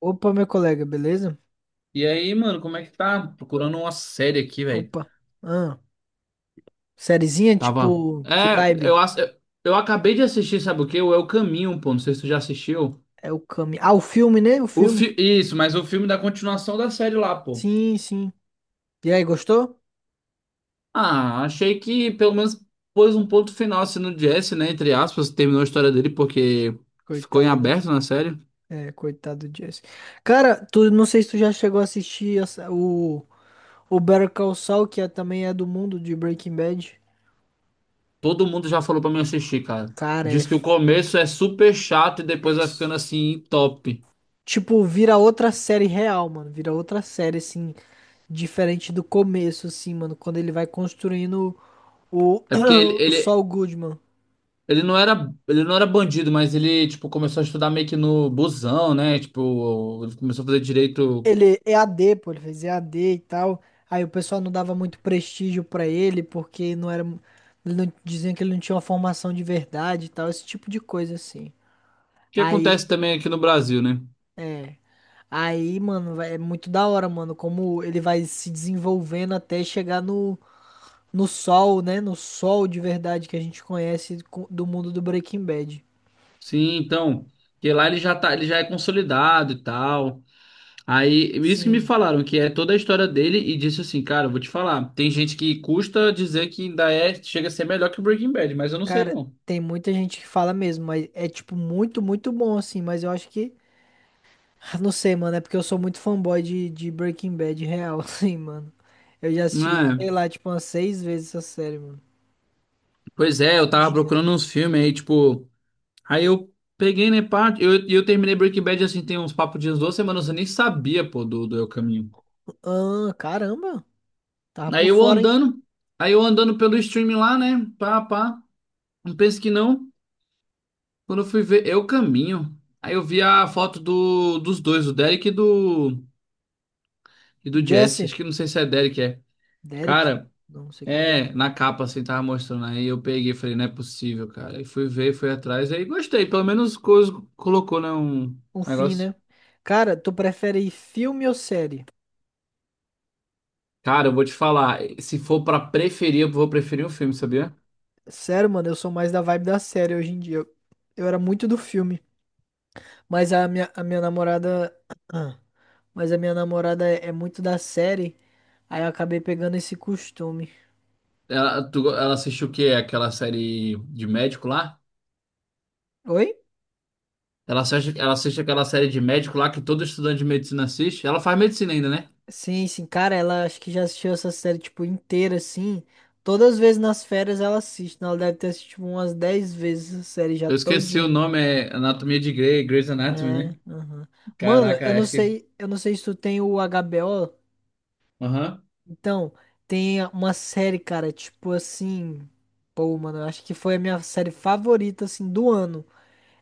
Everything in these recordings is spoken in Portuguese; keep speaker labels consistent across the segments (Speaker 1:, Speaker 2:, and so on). Speaker 1: Opa, meu colega, beleza?
Speaker 2: E aí, mano, como é que tá? Procurando uma série aqui, velho.
Speaker 1: Opa. Ah, sériezinha,
Speaker 2: Tava.
Speaker 1: tipo, que vibe?
Speaker 2: Eu acabei de assistir, sabe o quê? O É o Caminho, pô. Não sei se tu já assistiu.
Speaker 1: É o Kami. Ah, o filme, né? O filme.
Speaker 2: Isso, mas o filme da continuação da série lá, pô.
Speaker 1: Sim, sim. E aí, gostou?
Speaker 2: Ah, achei que pelo menos pôs um ponto final assim no Jesse, né? Entre aspas, terminou a história dele porque ficou em
Speaker 1: Coitado, né?
Speaker 2: aberto na série.
Speaker 1: É, coitado do Jesse. Cara, tu não sei se tu já chegou a assistir o Better Call Saul, também é do mundo de Breaking Bad.
Speaker 2: Todo mundo já falou pra mim assistir, cara.
Speaker 1: Cara, é.
Speaker 2: Diz que o começo é super chato e depois vai
Speaker 1: Isso.
Speaker 2: ficando assim, top.
Speaker 1: Tipo, vira outra série real, mano. Vira outra série, assim, diferente do começo, assim, mano. Quando ele vai construindo o,
Speaker 2: É porque ele,
Speaker 1: o
Speaker 2: ele,
Speaker 1: Saul Goodman.
Speaker 2: Ele não era bandido, mas ele, tipo, começou a estudar meio que no busão, né? Tipo, ele começou a fazer direito. O
Speaker 1: Ele é EAD, pô, ele fez EAD e tal. Aí o pessoal não dava muito prestígio pra ele, porque não era. Ele não- Diziam que ele não tinha uma formação de verdade e tal, esse tipo de coisa assim.
Speaker 2: que
Speaker 1: Aí,
Speaker 2: acontece também aqui no Brasil, né?
Speaker 1: é. Aí, mano, é muito da hora, mano, como ele vai se desenvolvendo até chegar no sol, né? No sol de verdade que a gente conhece do mundo do Breaking Bad.
Speaker 2: Sim, então, que lá ele já tá, ele já é consolidado e tal. Aí, isso que me
Speaker 1: Sim,
Speaker 2: falaram, que é toda a história dele, e disse assim, cara, eu vou te falar, tem gente que custa dizer que ainda é, chega a ser melhor que o Breaking Bad, mas eu não sei
Speaker 1: cara,
Speaker 2: não.
Speaker 1: tem muita gente que fala mesmo, mas é tipo muito, muito bom assim, mas eu acho que. Ah, não sei, mano, é porque eu sou muito fanboy de Breaking Bad real, assim, mano. Eu já
Speaker 2: Não
Speaker 1: assisti,
Speaker 2: é?
Speaker 1: sei lá, tipo, umas seis vezes essa série, mano.
Speaker 2: Pois é, eu tava
Speaker 1: Rapidinho.
Speaker 2: procurando uns filmes aí, tipo, aí eu peguei, né, pá, eu terminei Breaking Bad, assim, tem uns papos de uns duas semanas, eu nem sabia, pô, do El Caminho.
Speaker 1: Ah, caramba. Tava por
Speaker 2: Aí eu
Speaker 1: fora, hein?
Speaker 2: andando, aí eu andando pelo stream lá, né, pá, pá, não penso que não, quando eu fui ver Eu Caminho, aí eu vi a foto dos dois, do Derek e do Jesse,
Speaker 1: Jesse.
Speaker 2: acho que não sei se é Derek, é.
Speaker 1: Derek.
Speaker 2: Cara,
Speaker 1: Não, não sei quem é Derek,
Speaker 2: é,
Speaker 1: não.
Speaker 2: na capa, assim, tava mostrando, aí eu peguei, e falei, não é possível, cara, aí fui ver, fui atrás, aí gostei, pelo menos coisa, colocou, né, um
Speaker 1: Um fim,
Speaker 2: negócio.
Speaker 1: né? Cara, tu prefere filme ou série?
Speaker 2: Cara, eu vou te falar, se for pra preferir, eu vou preferir o filme, sabia?
Speaker 1: Sério, mano, eu sou mais da vibe da série hoje em dia. Eu era muito do filme. Mas a minha namorada. Ah, mas a minha namorada é muito da série. Aí eu acabei pegando esse costume.
Speaker 2: Ela, tu, ela assistiu o quê? Aquela série de médico lá?
Speaker 1: Oi?
Speaker 2: Ela assiste aquela série de médico lá que todo estudante de medicina assiste. Ela faz medicina ainda, né?
Speaker 1: Sim, sim, cara, ela acho que já assistiu essa série, tipo, inteira, assim. Todas as vezes nas férias ela assiste, né? Ela deve ter assistido umas 10 vezes a série já
Speaker 2: Eu esqueci o
Speaker 1: todinha.
Speaker 2: nome, é Anatomia de Grey, Grey's Anatomy,
Speaker 1: É,
Speaker 2: né?
Speaker 1: aham. Mano, eu
Speaker 2: Caraca,
Speaker 1: não
Speaker 2: acho que.
Speaker 1: sei, eu não sei se tu tem o HBO.
Speaker 2: Aham.
Speaker 1: Então, tem uma série, cara, tipo assim. Pô, mano, eu acho que foi a minha série favorita, assim, do ano.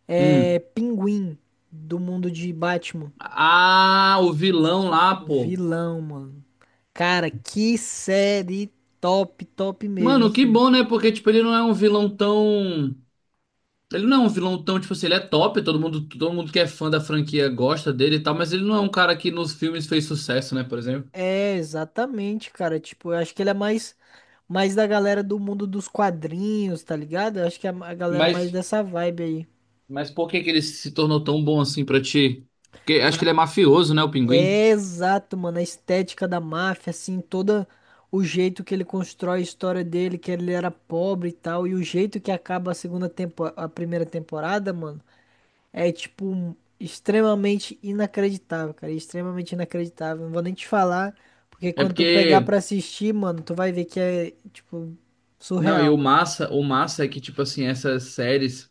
Speaker 1: É
Speaker 2: Hum.
Speaker 1: Pinguim, do mundo de Batman.
Speaker 2: Ah, o vilão lá,
Speaker 1: O
Speaker 2: pô.
Speaker 1: vilão, mano. Cara, que série top, top mesmo,
Speaker 2: Mano, que
Speaker 1: assim.
Speaker 2: bom, né? Porque, tipo, ele não é um vilão tão. Ele não é um vilão tão, tipo assim, ele é top, todo mundo que é fã da franquia gosta dele e tal, mas ele não é um cara que nos filmes fez sucesso, né, por exemplo.
Speaker 1: É, exatamente, cara. Tipo, eu acho que ele é mais da galera do mundo dos quadrinhos, tá ligado? Eu acho que é a galera mais
Speaker 2: Mas,
Speaker 1: dessa vibe aí.
Speaker 2: mas por que que ele se tornou tão bom assim pra ti? Porque acho que
Speaker 1: Ca-
Speaker 2: ele é mafioso, né, o Pinguim?
Speaker 1: É exato, mano. A estética da máfia, assim, todo o jeito que ele constrói a história dele, que ele era pobre e tal, e o jeito que acaba a segunda tempo, a primeira temporada, mano. É tipo extremamente inacreditável, cara. Extremamente inacreditável. Não vou nem te falar, porque
Speaker 2: É
Speaker 1: quando tu pegar
Speaker 2: porque,
Speaker 1: pra assistir, mano, tu vai ver que é tipo
Speaker 2: não, e
Speaker 1: surreal, mano.
Speaker 2: o massa é que, tipo assim,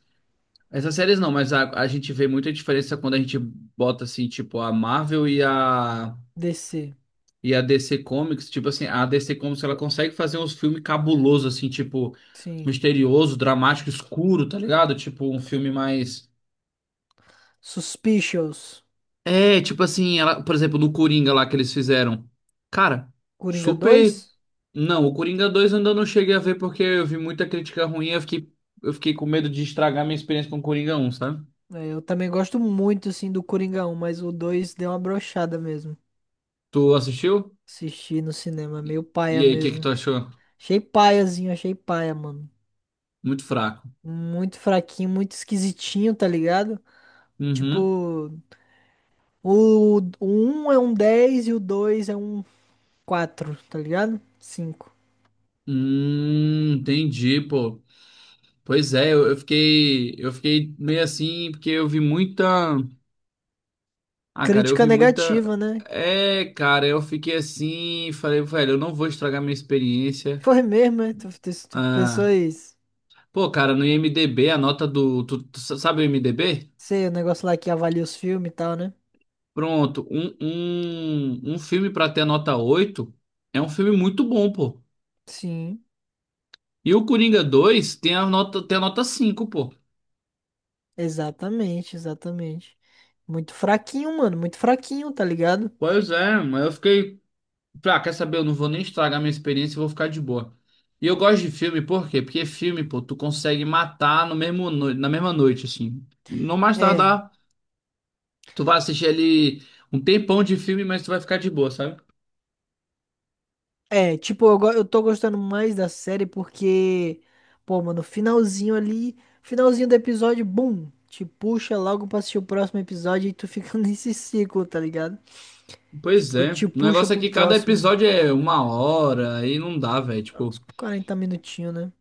Speaker 2: essas séries não, mas a gente vê muita diferença quando a gente bota, assim, tipo, a Marvel e a
Speaker 1: DC,
Speaker 2: E a DC Comics, tipo assim, a DC Comics ela consegue fazer uns filmes cabulosos, assim, tipo,
Speaker 1: sim.
Speaker 2: misterioso, dramático, escuro, tá ligado? Tipo, um filme mais.
Speaker 1: Suspicious,
Speaker 2: É, tipo assim, ela, por exemplo, no Coringa lá que eles fizeram. Cara,
Speaker 1: Coringa
Speaker 2: super.
Speaker 1: dois.
Speaker 2: Não, o Coringa dois eu ainda não cheguei a ver porque eu vi muita crítica ruim e eu fiquei com medo de estragar minha experiência com o Coringa um, sabe?
Speaker 1: É, eu também gosto muito assim do Coringa um, mas o 2 deu uma brochada mesmo.
Speaker 2: Tu assistiu?
Speaker 1: Assisti no cinema,
Speaker 2: E
Speaker 1: meio paia
Speaker 2: e aí, o que que
Speaker 1: mesmo.
Speaker 2: tu achou?
Speaker 1: Achei paiazinho, achei paia, mano.
Speaker 2: Muito fraco.
Speaker 1: Muito fraquinho, muito esquisitinho, tá ligado?
Speaker 2: Uhum.
Speaker 1: Tipo, o um é um 10 e o 2 é um quatro, tá ligado? Cinco
Speaker 2: Entendi, pô. Pois é, eu fiquei meio assim, porque eu vi muita. Ah, cara, eu
Speaker 1: Crítica
Speaker 2: vi muita.
Speaker 1: negativa, né?
Speaker 2: É, cara, eu fiquei assim, falei, velho, eu não vou estragar minha experiência.
Speaker 1: Foi mesmo, né? Tu
Speaker 2: Ah,
Speaker 1: pessoas.
Speaker 2: pô, cara, no IMDb, a nota do. Sabe o IMDb?
Speaker 1: Sei, o negócio lá que avalia os filmes e tal, né?
Speaker 2: Pronto, um filme pra ter a nota 8 é um filme muito bom, pô.
Speaker 1: Sim,
Speaker 2: E o Coringa dois tem a nota cinco, pô.
Speaker 1: exatamente, exatamente. Muito fraquinho, mano. Muito fraquinho, tá ligado?
Speaker 2: Pois é, mas eu fiquei. Pra quer saber? Eu não vou nem estragar minha experiência, eu vou ficar de boa. E eu gosto de filme, por quê? Porque filme, pô, tu consegue matar no mesmo na mesma noite, assim. Não mais
Speaker 1: É.
Speaker 2: tardar, tu vai assistir ali um tempão de filme, mas tu vai ficar de boa, sabe?
Speaker 1: É, tipo, eu tô gostando mais da série porque, pô, mano, finalzinho ali, finalzinho do episódio, bum, te puxa logo pra assistir o próximo episódio e tu fica nesse ciclo, tá ligado?
Speaker 2: Pois
Speaker 1: Tipo,
Speaker 2: é.
Speaker 1: te
Speaker 2: O
Speaker 1: puxa
Speaker 2: negócio é
Speaker 1: pro
Speaker 2: que cada
Speaker 1: próximo,
Speaker 2: episódio é uma hora, aí não dá, velho.
Speaker 1: uns
Speaker 2: Tipo,
Speaker 1: 40 minutinhos, né?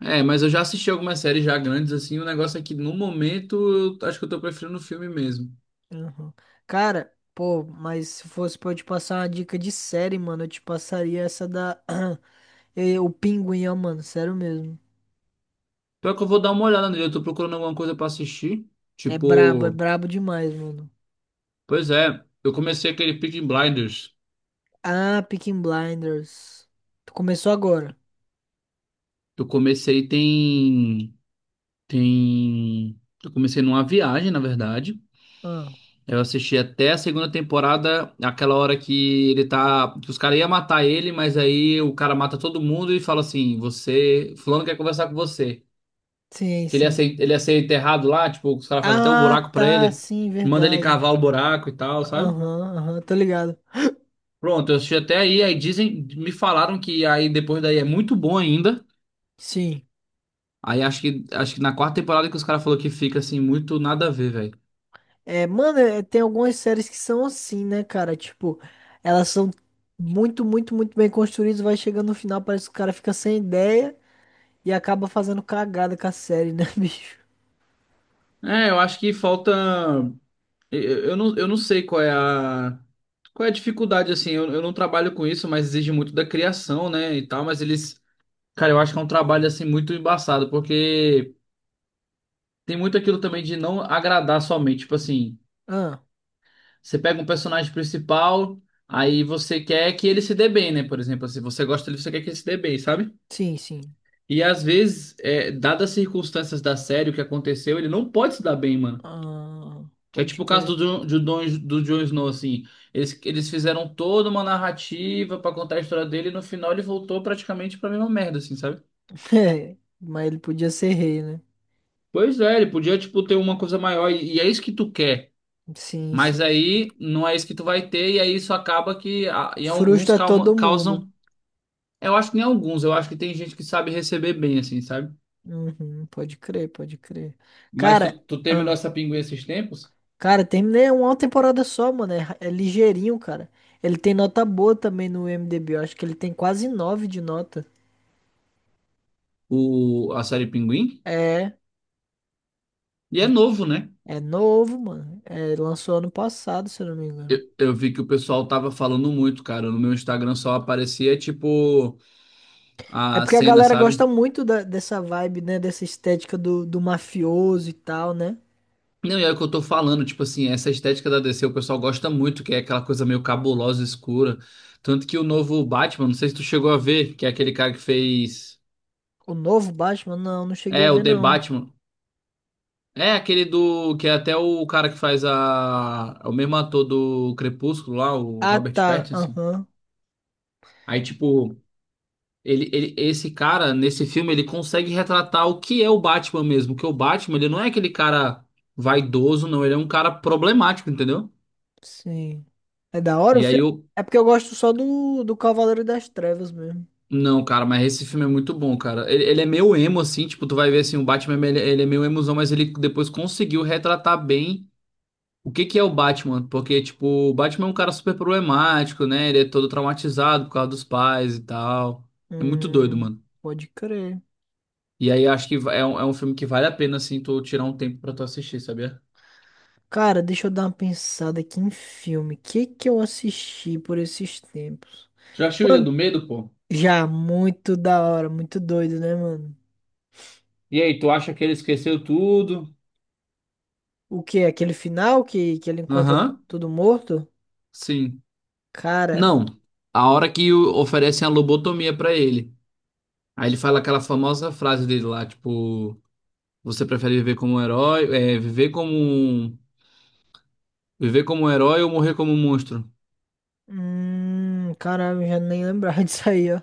Speaker 2: é, mas eu já assisti algumas séries já grandes, assim. O negócio é que no momento, eu acho que eu tô preferindo o filme mesmo.
Speaker 1: Uhum. Cara, pô, mas se fosse pra eu te passar uma dica de série, mano, eu te passaria essa da, o Pinguim, ó, mano, sério mesmo.
Speaker 2: Pior que eu vou dar uma olhada nele, eu tô procurando alguma coisa pra assistir.
Speaker 1: É
Speaker 2: Tipo.
Speaker 1: brabo demais, mano.
Speaker 2: Pois é, eu comecei aquele Peaky Blinders.
Speaker 1: Ah, Peaky Blinders. Tu começou agora.
Speaker 2: Eu comecei tem eu comecei numa viagem, na verdade.
Speaker 1: Ah,
Speaker 2: Eu assisti até a segunda temporada, aquela hora que ele tá, que os caras iam matar ele, mas aí o cara mata todo mundo e fala assim: "Você, fulano quer conversar com você".
Speaker 1: sim,
Speaker 2: Que
Speaker 1: sim.
Speaker 2: ele ia ser enterrado lá, tipo, os caras fazem até o
Speaker 1: Ah,
Speaker 2: buraco pra
Speaker 1: tá,
Speaker 2: ele,
Speaker 1: sim,
Speaker 2: manda ele
Speaker 1: verdade.
Speaker 2: cavar o buraco e tal, sabe?
Speaker 1: Aham, aham, tô ligado.
Speaker 2: Pronto, eu assisti até aí, me falaram que aí depois daí é muito bom ainda.
Speaker 1: Sim.
Speaker 2: Aí acho que na quarta temporada que os caras falaram que fica assim, muito nada a ver, velho.
Speaker 1: É, mano, é, tem algumas séries que são assim, né, cara? Tipo, elas são muito, muito, muito bem construídas, vai chegando no final, parece que o cara fica sem ideia e acaba fazendo cagada com a série, né, bicho?
Speaker 2: É, eu acho que falta. Eu, eu não, sei qual é a. Qual é a dificuldade, assim? Eu não trabalho com isso, mas exige muito da criação, né? E tal, mas eles. Cara, eu acho que é um trabalho, assim, muito embaçado, porque tem muito aquilo também de não agradar somente. Tipo assim,
Speaker 1: Ah,
Speaker 2: você pega um personagem principal, aí você quer que ele se dê bem, né? Por exemplo, se você gosta dele, você quer que ele se dê bem, sabe?
Speaker 1: sim, sim.
Speaker 2: E às vezes, é, dadas as circunstâncias da série, o que aconteceu, ele não pode se dar bem, mano.
Speaker 1: Ah,
Speaker 2: Que é
Speaker 1: pode
Speaker 2: tipo o
Speaker 1: crer.
Speaker 2: caso do Jon Snow, assim. Eles fizeram toda uma narrativa pra contar a história dele e no final ele voltou praticamente pra mesma merda, assim, sabe?
Speaker 1: É, mas ele podia ser rei, né?
Speaker 2: Pois é, ele podia, tipo, ter uma coisa maior e é isso que tu quer.
Speaker 1: Sim,
Speaker 2: Mas
Speaker 1: sim, sim.
Speaker 2: aí não é isso que tu vai ter e aí isso acaba que
Speaker 1: Frustra todo mundo.
Speaker 2: causam... Eu acho que nem alguns, eu acho que tem gente que sabe receber bem, assim, sabe?
Speaker 1: Uhum, pode crer, pode crer.
Speaker 2: Mas
Speaker 1: Cara,
Speaker 2: tu terminou
Speaker 1: ah,
Speaker 2: essa Pinguim esses tempos?
Speaker 1: cara, terminei uma temporada só, mano. É, é ligeirinho, cara. Ele tem nota boa também no IMDb. Eu acho que ele tem quase 9 de nota.
Speaker 2: O, a série Pinguim?
Speaker 1: É,
Speaker 2: E é novo, né?
Speaker 1: é novo, mano. É, lançou ano passado, se eu não me engano.
Speaker 2: Eu vi que o pessoal tava falando muito, cara. No meu Instagram só aparecia, tipo,
Speaker 1: É
Speaker 2: a
Speaker 1: porque a
Speaker 2: cena,
Speaker 1: galera
Speaker 2: sabe?
Speaker 1: gosta muito dessa vibe, né? Dessa estética do mafioso e tal, né?
Speaker 2: Não, e é o que eu tô falando, tipo assim, essa estética da DC o pessoal gosta muito, que é aquela coisa meio cabulosa, escura. Tanto que o novo Batman, não sei se tu chegou a ver, que é aquele cara que fez.
Speaker 1: O novo Batman, não, não cheguei a
Speaker 2: É, o
Speaker 1: ver,
Speaker 2: The
Speaker 1: não.
Speaker 2: Batman. É aquele do. Que é até o cara que faz a. É o mesmo ator do Crepúsculo lá, o
Speaker 1: Ah,
Speaker 2: Robert
Speaker 1: tá.
Speaker 2: Pattinson.
Speaker 1: Aham.
Speaker 2: Aí, tipo, esse cara, nesse filme, ele consegue retratar o que é o Batman mesmo. Que o Batman, ele não é aquele cara vaidoso, não. Ele é um cara problemático, entendeu?
Speaker 1: Sim. É da hora o
Speaker 2: E aí
Speaker 1: filme?
Speaker 2: eu.
Speaker 1: É porque eu gosto só do Cavaleiro das Trevas mesmo.
Speaker 2: Não, cara, mas esse filme é muito bom, cara. Ele é meio emo, assim, tipo, tu vai ver assim, o Batman, ele é meio emozão, mas ele depois conseguiu retratar bem o que que é o Batman. Porque, tipo, o Batman é um cara super problemático, né? Ele é todo traumatizado por causa dos pais e tal. É muito doido,
Speaker 1: Hum,
Speaker 2: mano.
Speaker 1: pode crer.
Speaker 2: E aí acho que é um filme que vale a pena, assim, tu tirar um tempo pra tu assistir, sabia?
Speaker 1: Cara, deixa eu dar uma pensada aqui em filme. O que que eu assisti por esses tempos?
Speaker 2: Já assistiu Ilha
Speaker 1: Mano,
Speaker 2: do Medo, pô?
Speaker 1: já muito da hora, muito doido, né, mano?
Speaker 2: E aí, tu acha que ele esqueceu tudo?
Speaker 1: O que? Aquele final que ele encontra
Speaker 2: Aham,
Speaker 1: tudo morto?
Speaker 2: sim.
Speaker 1: Cara,
Speaker 2: Não, a hora que oferecem a lobotomia pra ele. Aí ele fala aquela famosa frase dele lá, tipo, você prefere viver como um herói, é, viver como um herói ou morrer como um monstro?
Speaker 1: caralho, eu já nem lembrava disso aí, ó.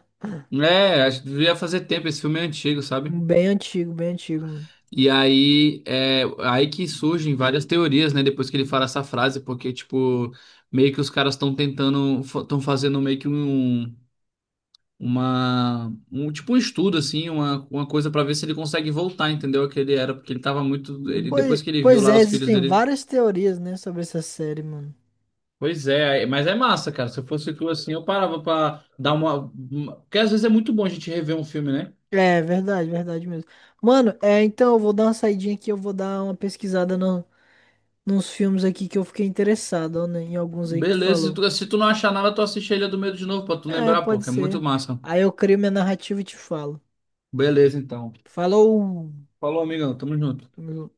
Speaker 2: É, acho que devia fazer tempo, esse filme é antigo, sabe?
Speaker 1: Bem antigo, mano.
Speaker 2: Aí que surgem várias teorias, né, depois que ele fala essa frase, porque, tipo, meio que os caras estão tentando, estão fazendo meio que um uma um tipo um estudo assim, uma coisa pra ver se ele consegue voltar, entendeu? O que ele era, porque ele tava muito, ele
Speaker 1: Pois,
Speaker 2: depois que ele viu
Speaker 1: pois
Speaker 2: lá
Speaker 1: é,
Speaker 2: os filhos
Speaker 1: existem
Speaker 2: dele.
Speaker 1: várias teorias, né, sobre essa série, mano.
Speaker 2: Pois é, aí- mas é massa, cara. Se eu fosse tu assim, eu parava pra dar porque às vezes é muito bom a gente rever um filme, né?
Speaker 1: É verdade, verdade mesmo. Mano, é, então eu vou dar uma saidinha aqui, eu vou dar uma pesquisada no, nos filmes aqui que eu fiquei interessado, ó, né, em alguns aí que tu
Speaker 2: Beleza, se
Speaker 1: falou.
Speaker 2: se tu não achar nada, tu assiste a Ilha do Medo de novo pra tu
Speaker 1: É,
Speaker 2: lembrar, pô,
Speaker 1: pode
Speaker 2: que é muito
Speaker 1: ser.
Speaker 2: massa.
Speaker 1: Aí eu crio minha narrativa e te falo.
Speaker 2: Beleza, então.
Speaker 1: Falou!
Speaker 2: Falou, amigão, tamo junto.
Speaker 1: Tamo junto.